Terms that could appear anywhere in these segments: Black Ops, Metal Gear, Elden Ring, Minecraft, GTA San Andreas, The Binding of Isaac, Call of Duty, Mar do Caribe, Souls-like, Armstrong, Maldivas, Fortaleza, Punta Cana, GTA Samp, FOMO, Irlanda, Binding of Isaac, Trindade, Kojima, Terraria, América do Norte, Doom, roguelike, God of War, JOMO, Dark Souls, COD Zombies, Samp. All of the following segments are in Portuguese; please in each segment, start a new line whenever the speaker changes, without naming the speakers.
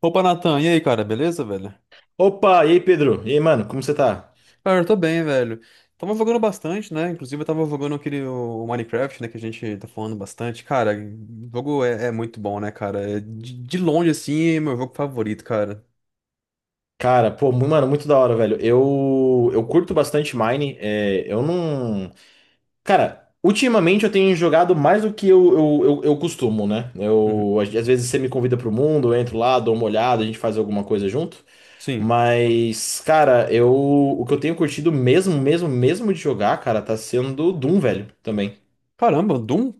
Opa, Natan, e aí, cara, beleza, velho?
Opa, e aí, Pedro? E aí, mano, como você tá?
Cara, eu tô bem, velho. Tava jogando bastante, né? Inclusive, eu tava jogando aquele o Minecraft, né? Que a gente tá falando bastante. Cara, o jogo é muito bom, né, cara? É de longe, assim, é meu jogo favorito, cara.
Cara, pô, mano, muito da hora, velho. Eu curto bastante Mine. É, eu não. Cara, ultimamente eu tenho jogado mais do que eu costumo, né?
Uhum.
Eu, às vezes você me convida pro mundo, eu entro lá, dou uma olhada, a gente faz alguma coisa junto.
Sim.
Mas, cara, eu, o que eu tenho curtido mesmo de jogar, cara, tá sendo Doom, velho, também.
Caramba, Doom?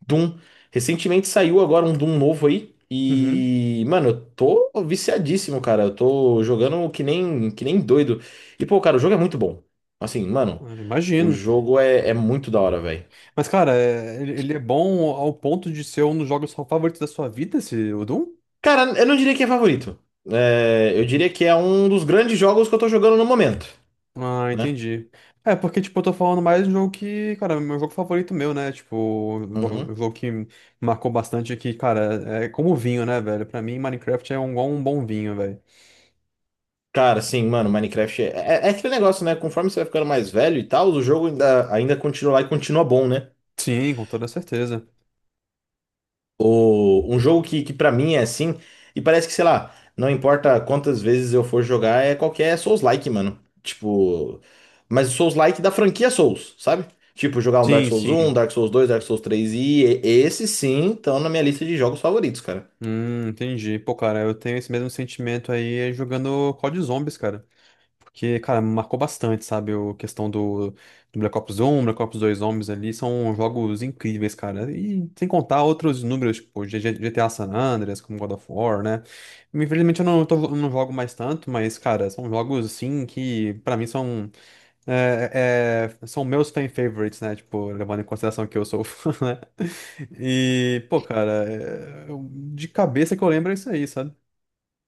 Doom. Recentemente saiu agora um Doom novo aí.
Uhum.
E, mano, eu tô viciadíssimo, cara. Eu tô jogando que nem doido. E, pô, cara, o jogo é muito bom. Assim, mano,
Eu
o
imagino.
jogo é muito da hora, velho.
Mas, cara, ele é bom ao ponto de ser um dos jogos favoritos da sua vida, esse, o Doom?
Cara, eu não diria que é favorito. É, eu diria que é um dos grandes jogos que eu tô jogando no momento,
Ah,
né?
entendi. É, porque, tipo, eu tô falando mais de um jogo que, cara, é meu jogo favorito meu, né? Tipo, um jogo
Uhum.
um jogo que marcou bastante aqui, cara, é como vinho, né, velho? Pra mim, Minecraft é um, igual um bom vinho, velho.
Cara, sim, mano, Minecraft é aquele negócio, né? Conforme você vai ficando mais velho e tal, o jogo ainda continua lá e continua bom, né?
Sim, com toda certeza.
Um jogo que para mim é assim, e parece que, sei lá, não importa quantas vezes eu for jogar, é qualquer Souls-like, mano. Tipo, mas o Souls-like da franquia Souls, sabe? Tipo, jogar
Sim,
Um
sim.
Dark Souls dois Dark Souls três e esses sim estão na minha lista de jogos favoritos, cara.
Entendi. Pô, cara, eu tenho esse mesmo sentimento aí jogando COD Zombies, cara. Porque, cara, marcou bastante, sabe? A questão do Black Ops 1 Black Ops 2 Zombies ali são jogos incríveis, cara. E sem contar outros números, tipo GTA San Andreas, como God of War, né? Infelizmente eu não, não jogo mais tanto, mas, cara, são jogos, assim, que pra mim são meus fan favorites, né? Tipo, levando em consideração que eu sou fã, né? E, pô, cara, de cabeça que eu lembro é isso aí, sabe?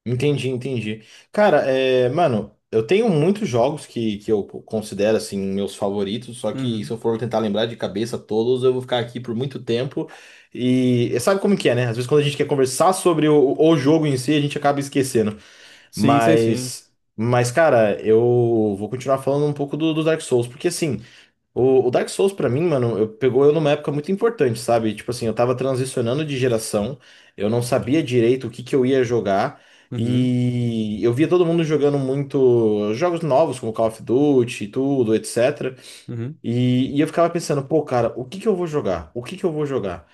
Entendi, entendi. Cara, é, mano, eu tenho muitos jogos que eu considero assim meus favoritos, só que se
Uhum.
eu for tentar lembrar de cabeça todos, eu vou ficar aqui por muito tempo. E sabe como que é, né? Às vezes quando a gente quer conversar sobre o jogo em si, a gente acaba esquecendo.
Sim, sei sim.
Mas, cara, eu vou continuar falando um pouco do Dark Souls, porque assim. O Dark Souls, pra mim, mano, pegou eu numa época muito importante, sabe? Tipo assim, eu tava transicionando de geração, eu não sabia direito o que que eu ia jogar,
Uhum,
e eu via todo mundo jogando muito jogos novos, como Call of Duty e tudo, etc.
uhum.
E eu ficava pensando, pô, cara, o que que eu vou jogar? O que que eu vou jogar?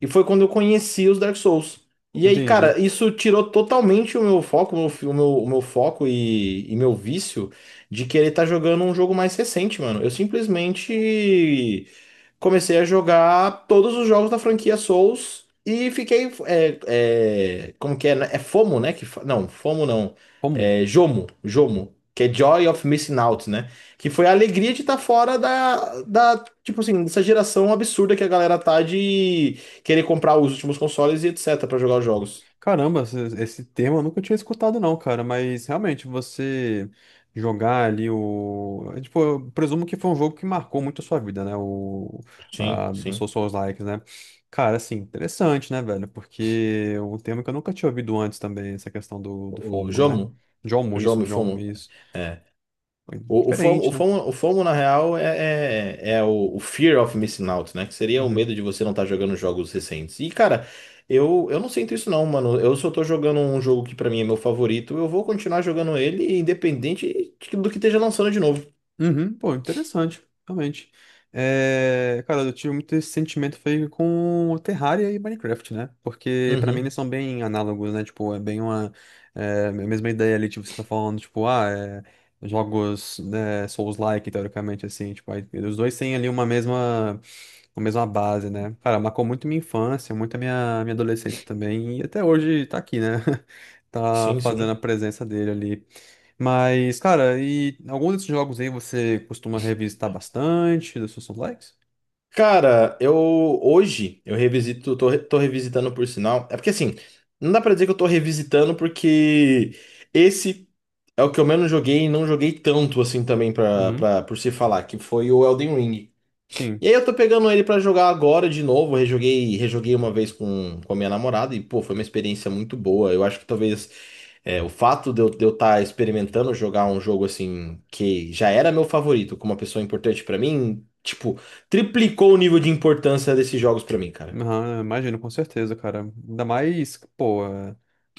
E foi quando eu conheci os Dark Souls. E aí, cara,
Entendi.
isso tirou totalmente o meu foco, o meu foco e meu vício de querer estar jogando um jogo mais recente, mano. Eu simplesmente comecei a jogar todos os jogos da franquia Souls e fiquei. Como que é? Né? É FOMO, né? Que, não, FOMO não.
Como?
É JOMO, JOMO, que é Joy of Missing Out, né? Que foi a alegria de estar fora da, tipo assim, dessa geração absurda que a galera tá de querer comprar os últimos consoles e etc. pra jogar os jogos.
Caramba, esse termo eu nunca tinha escutado não, cara, mas realmente você jogar ali tipo, eu presumo que foi um jogo que marcou muito a sua vida, né? O,
Sim,
a, o
sim.
Souls Souls-like, né? Cara, assim, interessante, né, velho? Porque é um termo que eu nunca tinha ouvido antes também, essa questão do
O
FOMO, né?
JOMO,
Jomo
JOMO
isso,
e
Jomo
FOMO.
isso.
É,
Foi
O FOMO,
diferente, né?
na real, é o Fear of Missing Out, né? Que seria o
Uhum.
medo de você não estar jogando jogos recentes. E, cara, eu não sinto isso não, mano. Eu só tô jogando um jogo que pra mim é meu favorito. Eu vou continuar jogando ele, do que esteja lançando de novo.
Uhum, pô, interessante, realmente. É, cara, eu tive muito esse sentimento feio com o Terraria e Minecraft, né? Porque pra mim eles
Uhum.
são bem análogos, né? Tipo, é bem a mesma ideia ali, tipo, você tá falando, tipo, ah, jogos né, Souls-like, teoricamente, assim, tipo, aí, os dois têm ali uma mesma com a mesma base, né? Cara, marcou muito minha infância, muito a minha adolescência também, e até hoje tá aqui, né? Tá
Sim,
fazendo
sim.
a presença dele ali. Mas, cara, e algum desses jogos aí você costuma revisitar bastante dos seus likes?
Cara, eu hoje eu revisito, tô revisitando por sinal. É porque assim, não dá pra dizer que eu tô revisitando porque esse é o que eu menos joguei e não joguei tanto assim também
Uhum.
por se falar, que foi o Elden Ring.
Sim.
E aí eu tô pegando ele pra jogar agora de novo. Eu rejoguei uma vez com a minha namorada e, pô, foi uma experiência muito boa. Eu acho que talvez é, o fato de eu estar experimentando jogar um jogo assim que já era meu favorito, com uma pessoa importante pra mim, tipo, triplicou o nível de importância desses jogos pra mim, cara.
Aham, imagino, com certeza, cara. Ainda mais, pô,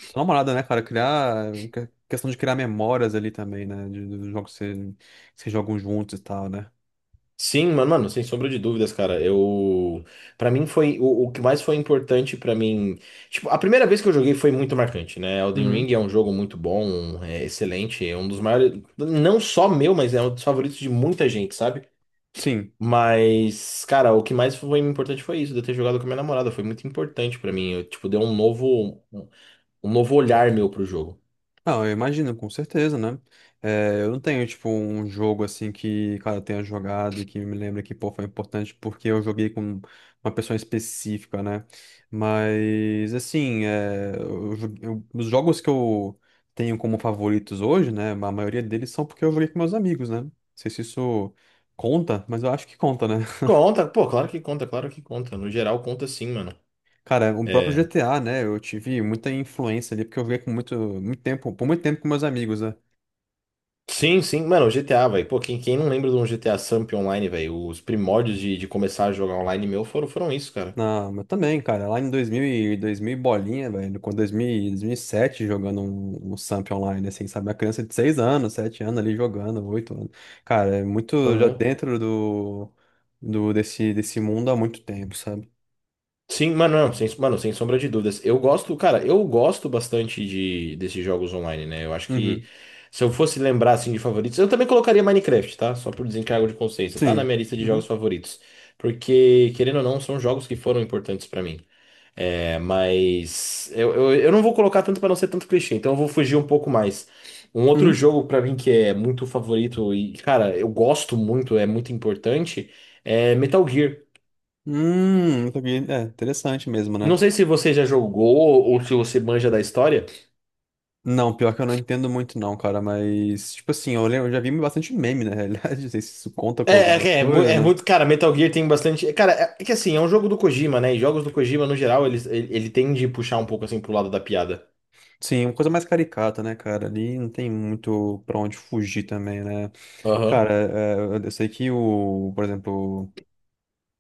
sua namorada, né, cara? Questão de criar memórias ali também, né? De, dos jogos que que vocês jogam juntos e tal, né?
Sim, mano, sem sombra de dúvidas, cara. Eu, para mim foi o que mais foi importante pra mim. Tipo, a primeira vez que eu joguei foi muito marcante, né? Elden
Uhum.
Ring é um jogo muito bom, é excelente, é um dos maiores, não só meu, mas é um dos favoritos de muita gente, sabe?
Sim.
Mas, cara, o que mais foi importante foi isso, de eu ter jogado com a minha namorada, foi muito importante pra mim. Eu, tipo, deu um novo, um um novo olhar meu pro jogo.
Não, eu imagino, com certeza, né? Eu não tenho, tipo, um jogo assim que, cara, eu tenha jogado e que me lembra que, pô, foi importante porque eu joguei com uma pessoa específica, né? Mas, assim, os jogos que eu tenho como favoritos hoje, né? A maioria deles são porque eu joguei com meus amigos, né? Não sei se isso conta, mas eu acho que conta, né?
Conta, pô, claro que conta, claro que conta. No geral conta sim, mano.
Cara, o próprio
É,
GTA, né? Eu tive muita influência ali porque eu joguei com muito, muito tempo, por muito tempo com meus amigos, né?
sim, sim, mano, o GTA, velho. Pô, quem não lembra de um GTA Samp online, velho? Os primórdios de começar a jogar online meu foram isso, cara.
Não, mas também, cara, lá em 2000 e 2000 e bolinha, velho, com 2000, e 2007 jogando um Samp online, assim, sabe? Uma criança de 6 anos, 7 anos ali jogando, 8 anos. Cara, é muito já
Aham.
dentro desse mundo há muito tempo, sabe?
Sim, mano, não, sem, mano, sem sombra de dúvidas. Eu gosto, cara, eu gosto bastante desses jogos online, né? Eu acho que
Uhum.
se eu fosse lembrar, assim, de favoritos, eu também colocaria Minecraft, tá? Só por desencargo de consciência. Tá na
Sim.
minha lista de jogos
Uhum.
favoritos. Porque, querendo ou não, são jogos que foram importantes pra mim. É, mas eu não vou colocar tanto para não ser tanto clichê, então eu vou fugir um pouco mais. Um outro
Uhum.
jogo para mim que é muito favorito e, cara, eu gosto muito, é muito importante, é Metal Gear.
Não sabia. É interessante mesmo, né?
Não sei se você já jogou ou se você manja da história.
Não, pior que eu não entendo muito não, cara, mas, tipo assim, eu já vi bastante meme, na realidade, não sei se isso conta
É,
com alguma
é, é, mu-
coisa,
é
né.
muito, cara, Metal Gear tem bastante. Cara, é que assim, é um jogo do Kojima, né? E jogos do Kojima, no geral, ele tende a puxar um pouco assim pro lado da piada.
Sim, uma coisa mais caricata, né, cara? Ali não tem muito pra onde fugir também, né?
Aham,
Cara, eu sei que o, por exemplo,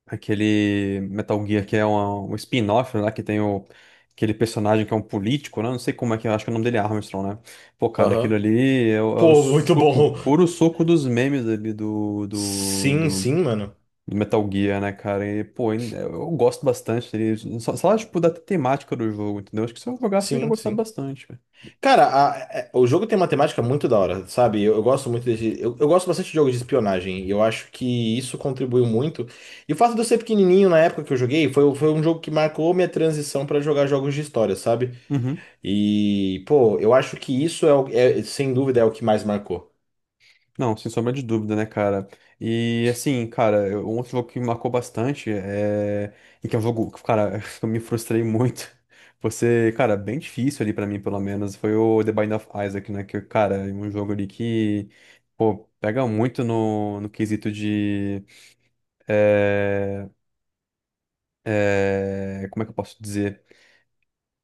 aquele Metal Gear que é um spin-off, né? Que tem aquele personagem que é um político, né? Não sei como é que é, acho que o nome dele é Armstrong, né? Pô, cara, aquilo
aham.
ali é o
Pô, muito
suco,
bom.
puro suco dos memes ali do, do,
Sim,
do,
sim, mano.
do Metal Gear, né, cara? E, pô, eu gosto bastante dele. Só, tipo, da temática do jogo, entendeu? Acho que se eu jogasse, eu iria
Sim,
gostar
sim.
bastante,
Cara, o jogo tem uma temática muito da hora, sabe? Eu gosto muito desse. Eu gosto bastante de jogos de espionagem. E eu acho que isso contribuiu muito. E o fato de eu ser pequenininho na época que eu joguei foi um jogo que marcou minha transição pra jogar jogos de história, sabe?
velho.
E, pô, eu acho que sem dúvida, é o que mais marcou.
Não, sem sombra de dúvida, né, cara? E assim, cara, um outro jogo que me marcou bastante é. E que é um jogo, que, cara, eu me frustrei muito. Você, cara, bem difícil ali pra mim, pelo menos, foi o The Binding of Isaac, né? Que, cara, é um jogo ali que, pô, pega muito no quesito de. é, Como é que eu posso dizer?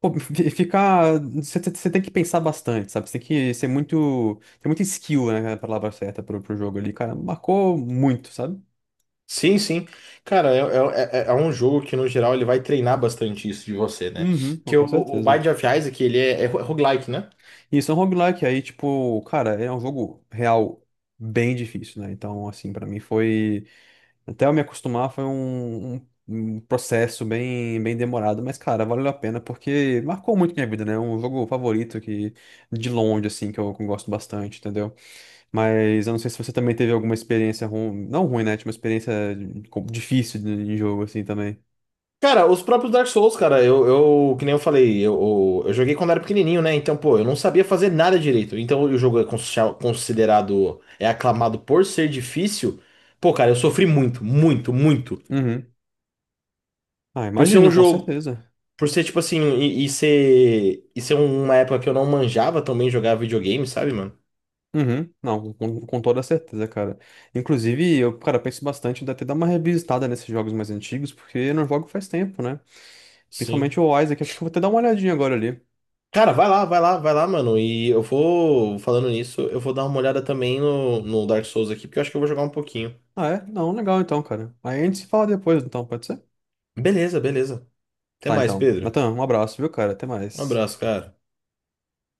Pô, ficar. Você tem que pensar bastante, sabe? Você tem que ser muito. Tem muita skill, né? A palavra certa pro jogo ali, cara. Marcou muito, sabe?
Sim, sim. Cara, é um jogo que, no geral, ele vai treinar bastante isso de você, né?
Uhum, pô,
Que
com
o
certeza.
Binding of Isaac, ele é roguelike, né?
E isso é um roguelike, aí, tipo, cara, é um jogo real bem difícil, né? Então, assim, pra mim foi. Até eu me acostumar foi um processo bem, bem demorado, mas, cara, valeu a pena porque marcou muito minha vida, né? É um jogo favorito que, de longe, assim, que eu gosto bastante, entendeu? Mas eu não sei se você também teve alguma experiência ruim, não ruim, né? Tipo, uma experiência difícil de jogo, assim, também.
Cara, os próprios Dark Souls, cara, eu que nem eu falei, eu joguei quando era pequenininho, né? Então, pô, eu não sabia fazer nada direito. Então, o jogo é considerado, é aclamado por ser difícil. Pô, cara, eu sofri muito.
Uhum. Ah,
Por ser um
imagino, com
jogo,
certeza.
por ser tipo assim, e ser uma época que eu não manjava também jogar videogame, sabe, mano?
Uhum, não, com toda certeza, cara. Inclusive, eu, cara, penso bastante em até dar uma revisitada nesses jogos mais antigos, porque eu não jogo faz tempo, né? Principalmente
Sim.
o Isaac, acho que eu vou até dar uma olhadinha agora ali.
Cara, vai lá, mano. E eu vou, falando nisso, eu vou dar uma olhada também no Dark Souls aqui, porque eu acho que eu vou jogar um pouquinho.
Ah, é? Não, legal então, cara. Aí a gente se fala depois, então, pode ser?
Beleza, beleza. Até
Tá,
mais,
então.
Pedro.
Natan, um abraço, viu, cara? Até
Um
mais.
abraço, cara.